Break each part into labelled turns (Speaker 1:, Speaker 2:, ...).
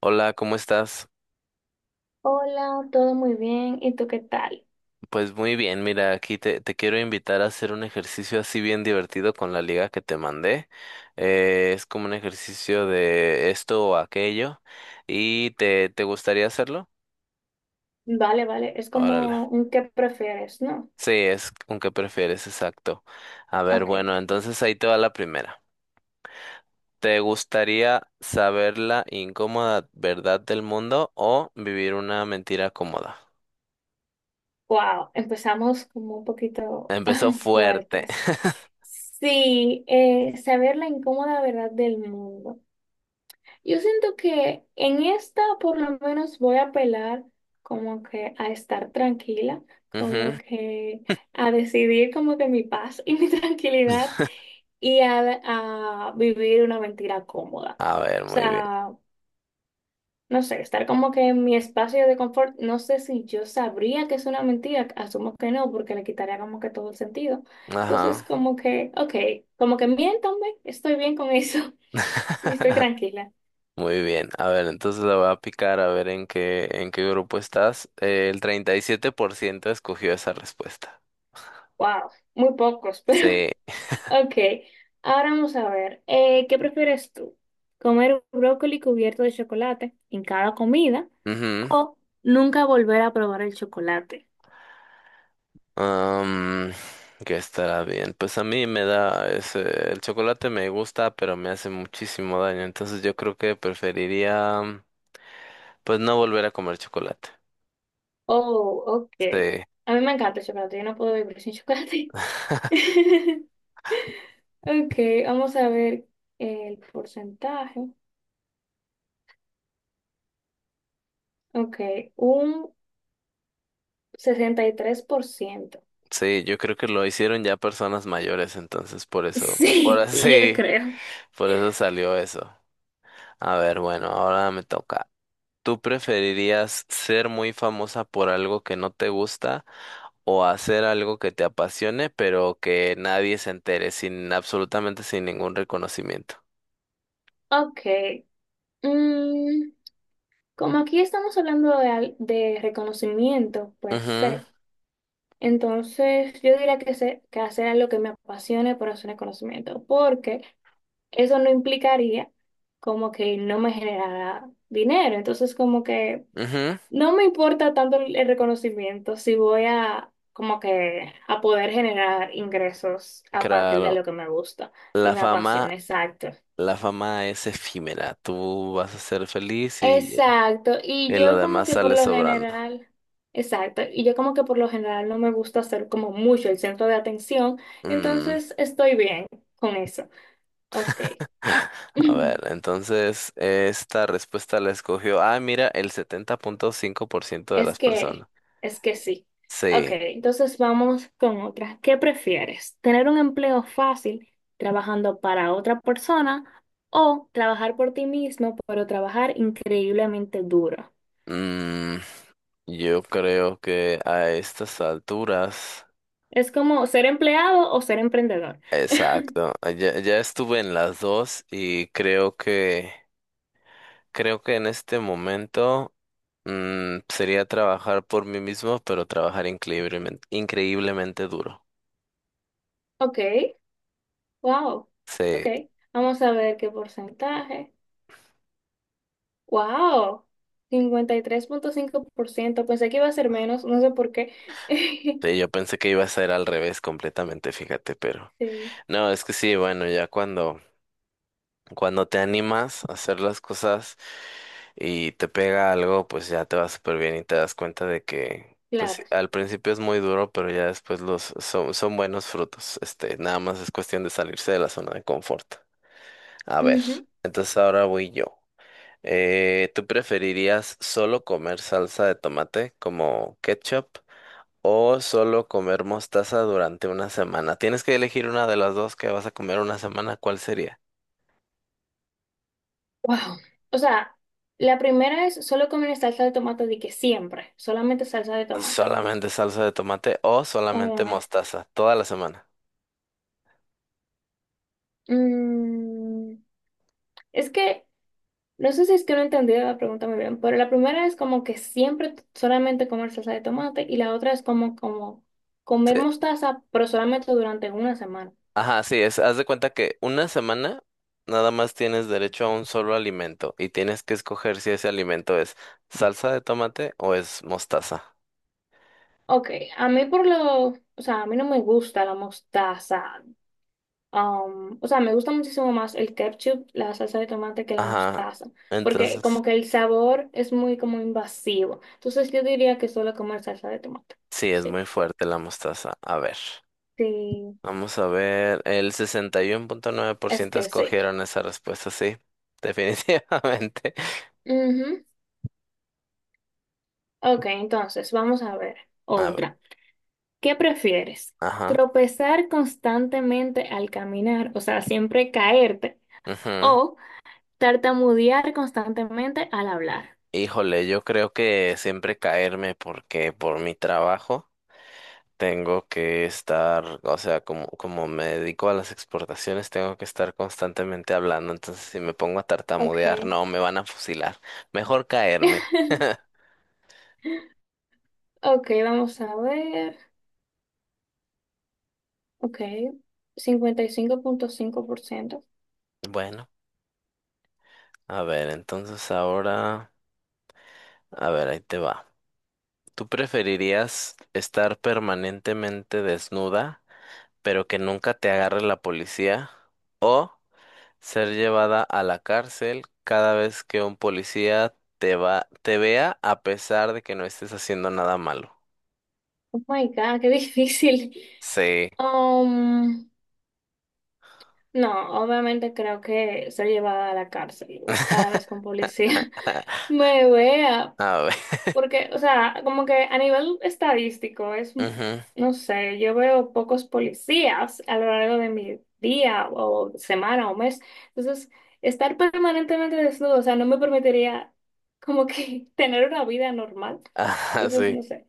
Speaker 1: Hola, ¿cómo estás?
Speaker 2: Hola, todo muy bien. ¿Y tú qué tal?
Speaker 1: Pues muy bien, mira, aquí te quiero invitar a hacer un ejercicio así bien divertido con la liga que te mandé. Es como un ejercicio de esto o aquello. ¿Y te gustaría hacerlo?
Speaker 2: Vale, vale. Es
Speaker 1: Órale.
Speaker 2: como un qué prefieres, ¿no?
Speaker 1: Sí, es con qué prefieres, exacto. A ver,
Speaker 2: Ok,
Speaker 1: bueno,
Speaker 2: ok.
Speaker 1: entonces ahí te va la primera. ¿Te gustaría saber la incómoda verdad del mundo o vivir una mentira cómoda?
Speaker 2: Wow, empezamos como un poquito
Speaker 1: Empezó fuerte.
Speaker 2: fuertes. Sí, saber la incómoda verdad del mundo. Yo siento que en esta por lo menos voy a apelar como que a estar tranquila,
Speaker 1: Ujú.
Speaker 2: como que a decidir como que mi paz y mi tranquilidad y a vivir una mentira cómoda.
Speaker 1: A ver,
Speaker 2: O
Speaker 1: muy bien.
Speaker 2: sea, no sé, estar como que en mi espacio de confort, no sé si yo sabría que es una mentira, asumo que no, porque le quitaría como que todo el sentido. Entonces,
Speaker 1: Ajá.
Speaker 2: como que, ok, como que miéntame, estoy bien con eso y estoy tranquila.
Speaker 1: Muy bien, a ver, entonces la voy a picar a ver en qué grupo estás. El 37% escogió esa respuesta.
Speaker 2: Wow, muy pocos, pero
Speaker 1: Sí.
Speaker 2: ok. Ahora vamos a ver, ¿qué prefieres tú? ¿Comer un brócoli cubierto de chocolate en cada comida
Speaker 1: Ujú.
Speaker 2: o nunca volver a probar el chocolate?
Speaker 1: Am, que estará bien. Pues a mí me da ese, el chocolate me gusta, pero me hace muchísimo daño. Entonces yo creo que preferiría, pues no volver a comer chocolate.
Speaker 2: Oh, ok.
Speaker 1: Sí,
Speaker 2: A mí me encanta el chocolate, yo no puedo vivir sin chocolate. Ok, vamos a ver el porcentaje. Ok, un 63%.
Speaker 1: sí, yo creo que lo hicieron ya personas mayores, entonces por eso, por
Speaker 2: Sí, yo
Speaker 1: así,
Speaker 2: creo.
Speaker 1: por eso salió eso. A ver, bueno, ahora me toca. ¿Tú preferirías ser muy famosa por algo que no te gusta o hacer algo que te apasione pero que nadie se entere sin absolutamente sin ningún reconocimiento?
Speaker 2: Ok. mm, Como aquí estamos hablando de reconocimiento per
Speaker 1: Ujú,
Speaker 2: se, entonces yo diría que hacer lo que me apasione por hacer reconocimiento, porque eso no implicaría como que no me generara dinero. Entonces, como que
Speaker 1: ujú,
Speaker 2: no me importa tanto el reconocimiento si voy a como que a poder generar ingresos a partir de
Speaker 1: claro.
Speaker 2: lo que me gusta y
Speaker 1: La
Speaker 2: me
Speaker 1: fama,
Speaker 2: apasiona, exacto.
Speaker 1: la fama es efímera. Tú vas a ser feliz y,
Speaker 2: Exacto, y
Speaker 1: y lo
Speaker 2: yo como
Speaker 1: demás
Speaker 2: que por
Speaker 1: sale
Speaker 2: lo
Speaker 1: sobrando.
Speaker 2: general, exacto, y yo como que por lo general no me gusta ser como mucho el centro de atención,
Speaker 1: Mm,
Speaker 2: entonces estoy bien con eso. Ok.
Speaker 1: a ver, entonces esta respuesta la escogió. Ah, mira, el 70.5% de
Speaker 2: Es
Speaker 1: las personas.
Speaker 2: que, es que sí. Ok,
Speaker 1: Sí,
Speaker 2: entonces vamos con otra. ¿Qué prefieres? ¿Tener un empleo fácil trabajando para otra persona o trabajar por ti mismo, pero trabajar increíblemente duro?
Speaker 1: mm, yo creo que a estas alturas,
Speaker 2: Es como ser empleado o ser emprendedor.
Speaker 1: exacto, ya, ya estuve en las dos y creo que en este momento sería trabajar por mí mismo, pero trabajar increíblemente, increíblemente duro.
Speaker 2: Ok, wow.
Speaker 1: Sí,
Speaker 2: Ok, vamos a ver qué porcentaje. Wow, 53.5%. Pensé que iba a ser menos, no sé por qué.
Speaker 1: sí, yo pensé que iba a ser al revés completamente, fíjate, pero
Speaker 2: Sí,
Speaker 1: no, es que sí, bueno, ya cuando... Cuando te animas a hacer las cosas y te pega algo, pues ya te va súper bien y te das cuenta de que, pues sí,
Speaker 2: claro.
Speaker 1: al principio es muy duro, pero ya después son buenos frutos. Este, nada más es cuestión de salirse de la zona de confort. A ver,
Speaker 2: Ujú.
Speaker 1: entonces ahora voy yo. ¿Tú preferirías solo comer salsa de tomate como ketchup o solo comer mostaza durante una semana? Tienes que elegir una de las dos que vas a comer una semana, ¿cuál sería?
Speaker 2: Wow. O sea, la primera es solo comer salsa de tomate de que siempre, solamente salsa de tomate.
Speaker 1: Solamente salsa de tomate o
Speaker 2: Oh,
Speaker 1: solamente
Speaker 2: no.
Speaker 1: mostaza, toda la semana.
Speaker 2: Mm, es que, no sé si es que no entendí la pregunta muy bien, pero la primera es como que siempre solamente comer salsa de tomate y la otra es como, comer
Speaker 1: Sí.
Speaker 2: mostaza, pero solamente durante una semana.
Speaker 1: Ajá, sí, haz de cuenta que una semana nada más tienes derecho a un solo alimento y tienes que escoger si ese alimento es salsa de tomate o es mostaza.
Speaker 2: Ok, a mí por lo, o sea, a mí no me gusta la mostaza. O sea, me gusta muchísimo más el ketchup, la salsa de tomate que la
Speaker 1: Ajá,
Speaker 2: mostaza, porque
Speaker 1: entonces
Speaker 2: como que el sabor es muy como invasivo. Entonces yo diría que solo comer salsa de tomate.
Speaker 1: sí, es
Speaker 2: Sí,
Speaker 1: muy fuerte la mostaza. A ver,
Speaker 2: sí,
Speaker 1: vamos a ver, el
Speaker 2: es
Speaker 1: 61.9%
Speaker 2: que sí.
Speaker 1: escogieron esa respuesta, sí, definitivamente.
Speaker 2: Ujú. Ok, entonces vamos a ver
Speaker 1: A ver,
Speaker 2: otra. ¿Qué prefieres?
Speaker 1: ajá.
Speaker 2: ¿Tropezar constantemente al caminar, o sea, siempre caerte,
Speaker 1: Ujú.
Speaker 2: o tartamudear constantemente al hablar?
Speaker 1: Híjole, yo creo que siempre caerme porque por mi trabajo tengo que estar, o sea, como me dedico a las exportaciones, tengo que estar constantemente hablando, entonces si me pongo a tartamudear,
Speaker 2: Ok.
Speaker 1: no, me van a fusilar. Mejor caerme.
Speaker 2: Ok, vamos a ver. Ok, 55.5%.
Speaker 1: Bueno, a ver, entonces ahora, a ver, ahí te va. ¿Tú preferirías estar permanentemente desnuda, pero que nunca te agarre la policía? Ser llevada a la cárcel cada vez que un policía te vea a pesar de que no estés haciendo nada malo.
Speaker 2: Oh my God, qué difícil.
Speaker 1: Sí.
Speaker 2: Um, no, obviamente creo que ser llevada a la cárcel cada vez con policía me vea.
Speaker 1: A ver.
Speaker 2: Porque, o sea, como que a nivel estadístico es,
Speaker 1: Ujú.
Speaker 2: no sé, yo veo pocos policías a lo largo de mi día o semana o mes. Entonces, estar permanentemente desnudo, o sea, no me permitiría como que tener una vida normal.
Speaker 1: Ajá,
Speaker 2: Entonces,
Speaker 1: sí.
Speaker 2: no sé.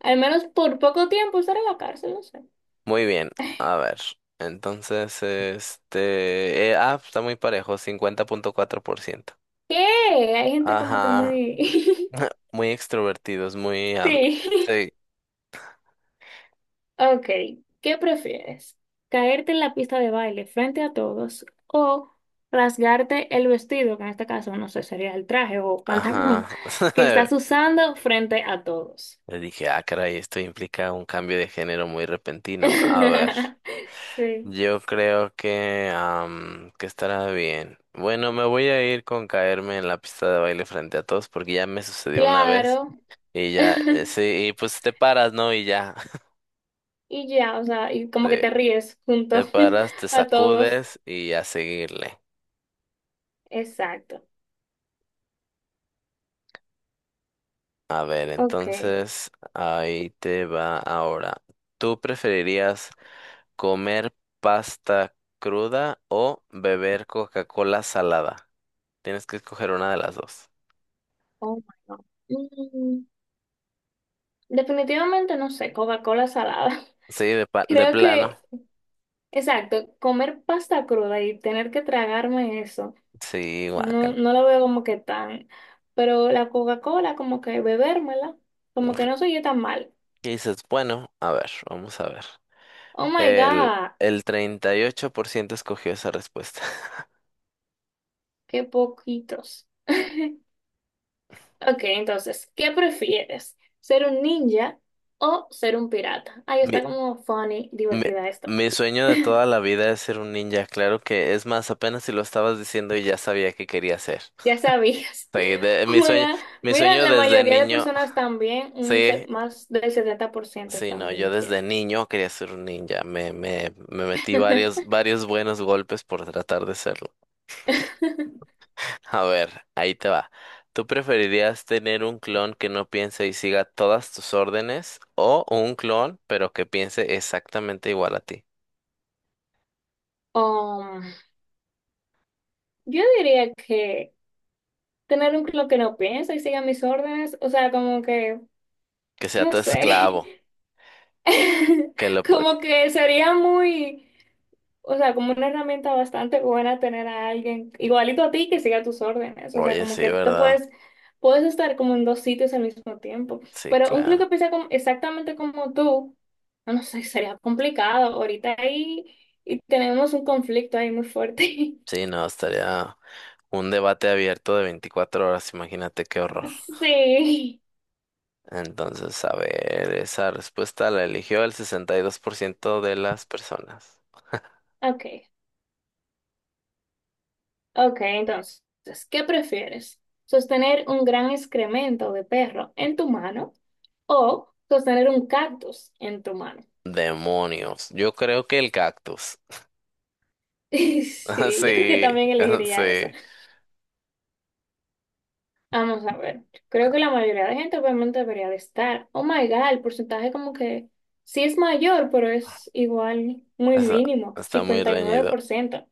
Speaker 2: Al menos por poco tiempo estar en la cárcel, no sé.
Speaker 1: Muy bien. A ver. Entonces, está muy parejo, 50.4%.
Speaker 2: ¿Qué? Hay gente como que
Speaker 1: Ajá.
Speaker 2: muy...
Speaker 1: Muy extrovertidos, muy...
Speaker 2: Sí.
Speaker 1: sí.
Speaker 2: Ok, ¿qué prefieres? ¿Caerte en la pista de baile frente a todos o rasgarte el vestido, que en este caso no sé, sería el traje o pantalón,
Speaker 1: Ajá.
Speaker 2: que estás usando frente a todos?
Speaker 1: Le dije, ah, caray, esto implica un cambio de género muy repentino. A ver.
Speaker 2: Sí,
Speaker 1: Yo creo que estará bien. Bueno, me voy a ir con caerme en la pista de baile frente a todos porque ya me sucedió una vez
Speaker 2: claro.
Speaker 1: y ya, sí, y pues te paras, ¿no? Y ya,
Speaker 2: Y ya, o sea, y como que
Speaker 1: sí,
Speaker 2: te ríes junto
Speaker 1: te paras, te
Speaker 2: a todos.
Speaker 1: sacudes y a seguirle.
Speaker 2: Exacto.
Speaker 1: A ver,
Speaker 2: Ok.
Speaker 1: entonces ahí te va ahora. ¿Tú preferirías comer pasta cruda o beber Coca-Cola salada? Tienes que escoger una de las dos.
Speaker 2: Oh my God. Mm, Definitivamente no sé, Coca-Cola salada.
Speaker 1: Sí, de
Speaker 2: Creo
Speaker 1: plano.
Speaker 2: que exacto, comer pasta cruda y tener que tragarme eso,
Speaker 1: Sí,
Speaker 2: no,
Speaker 1: guácala.
Speaker 2: no lo veo como que tan, pero la Coca-Cola como que bebérmela, como que no soy yo tan mal.
Speaker 1: ¿Qué dices? Bueno, a ver, vamos a ver.
Speaker 2: Oh my
Speaker 1: El,
Speaker 2: God,
Speaker 1: el 38% escogió esa respuesta.
Speaker 2: qué poquitos. Ok, entonces, ¿qué prefieres? ¿Ser un ninja o ser un pirata? Ahí
Speaker 1: Mi,
Speaker 2: está como funny,
Speaker 1: mi,
Speaker 2: divertida esto.
Speaker 1: mi sueño de toda la vida es ser un ninja. Claro que es más, apenas si lo estabas diciendo y ya sabía que quería ser.
Speaker 2: Ya sabías.
Speaker 1: Sí, de-
Speaker 2: Oh
Speaker 1: mi
Speaker 2: my
Speaker 1: sueño,
Speaker 2: God,
Speaker 1: mi
Speaker 2: mira,
Speaker 1: sueño
Speaker 2: la
Speaker 1: desde
Speaker 2: mayoría de
Speaker 1: niño.
Speaker 2: personas también,
Speaker 1: Sí,
Speaker 2: más del 70%
Speaker 1: sí, no, yo
Speaker 2: también
Speaker 1: desde
Speaker 2: quiere.
Speaker 1: niño quería ser un ninja. Me metí varios buenos golpes por tratar de serlo. A ver, ahí te va. ¿Tú preferirías tener un clon que no piense y siga todas tus órdenes o un clon pero que piense exactamente igual a ti?
Speaker 2: Um, Yo diría que tener un club que no piensa y siga mis órdenes, o sea, como que,
Speaker 1: Que sea
Speaker 2: no
Speaker 1: tu
Speaker 2: sé,
Speaker 1: esclavo, que lo...
Speaker 2: como que sería muy, o sea, como una herramienta bastante buena tener a alguien igualito a ti que siga tus órdenes, o sea,
Speaker 1: Oye,
Speaker 2: como
Speaker 1: sí,
Speaker 2: que te
Speaker 1: ¿verdad?
Speaker 2: puedes, puedes estar como en dos sitios al mismo tiempo,
Speaker 1: Sí,
Speaker 2: pero un club
Speaker 1: claro.
Speaker 2: que piensa exactamente como tú, no sé, sería complicado ahorita ahí y tenemos un conflicto ahí muy fuerte.
Speaker 1: Sí, no, estaría un debate abierto de 24 horas, imagínate qué horror.
Speaker 2: Sí,
Speaker 1: Entonces, a ver, esa respuesta la eligió el 62% de las personas.
Speaker 2: ok. Ok, entonces, ¿qué prefieres? ¿Sostener un gran excremento de perro en tu mano o sostener un cactus en tu mano?
Speaker 1: Demonios, yo creo que el cactus.
Speaker 2: Sí, yo creo que
Speaker 1: Sí,
Speaker 2: también elegiría esa.
Speaker 1: sí.
Speaker 2: Vamos a ver. Creo que la mayoría de gente obviamente debería de estar. Oh my God, el porcentaje como que sí es mayor, pero es igual muy
Speaker 1: Está,
Speaker 2: mínimo,
Speaker 1: está muy
Speaker 2: cincuenta y nueve
Speaker 1: reñido.
Speaker 2: por ciento.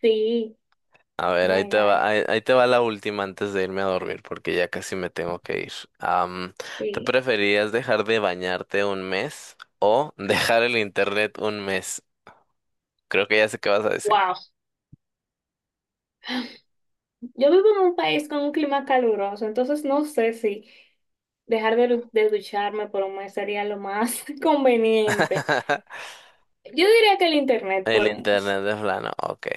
Speaker 2: Sí,
Speaker 1: A
Speaker 2: oh
Speaker 1: ver, ahí
Speaker 2: my
Speaker 1: te
Speaker 2: God,
Speaker 1: va, ahí te va la última antes de irme a dormir, porque ya casi me tengo que ir. Am, ¿Tú
Speaker 2: sí.
Speaker 1: preferías dejar de bañarte un mes o dejar el internet un mes? Creo que ya sé qué vas a decir.
Speaker 2: Wow, yo vivo en un país con un clima caluroso, entonces no sé si dejar de ducharme por un mes sería lo más conveniente. Yo diría que el internet
Speaker 1: El
Speaker 2: por un mes.
Speaker 1: internet de plano, ok.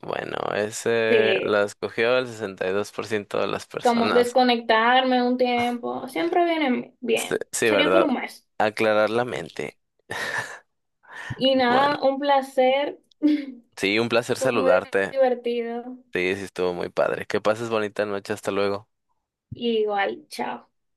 Speaker 1: Bueno, ese
Speaker 2: Sí,
Speaker 1: la escogió el 62% de las
Speaker 2: como
Speaker 1: personas.
Speaker 2: desconectarme un tiempo, siempre viene
Speaker 1: Sí,
Speaker 2: bien.
Speaker 1: sí,
Speaker 2: Sería por
Speaker 1: ¿verdad?
Speaker 2: un mes.
Speaker 1: Aclarar la mente.
Speaker 2: Y
Speaker 1: Bueno,
Speaker 2: nada, un placer.
Speaker 1: sí, un placer
Speaker 2: Fue muy
Speaker 1: saludarte.
Speaker 2: divertido.
Speaker 1: Sí, sí, estuvo muy padre. Que pases bonita noche, hasta luego.
Speaker 2: Y igual, chao.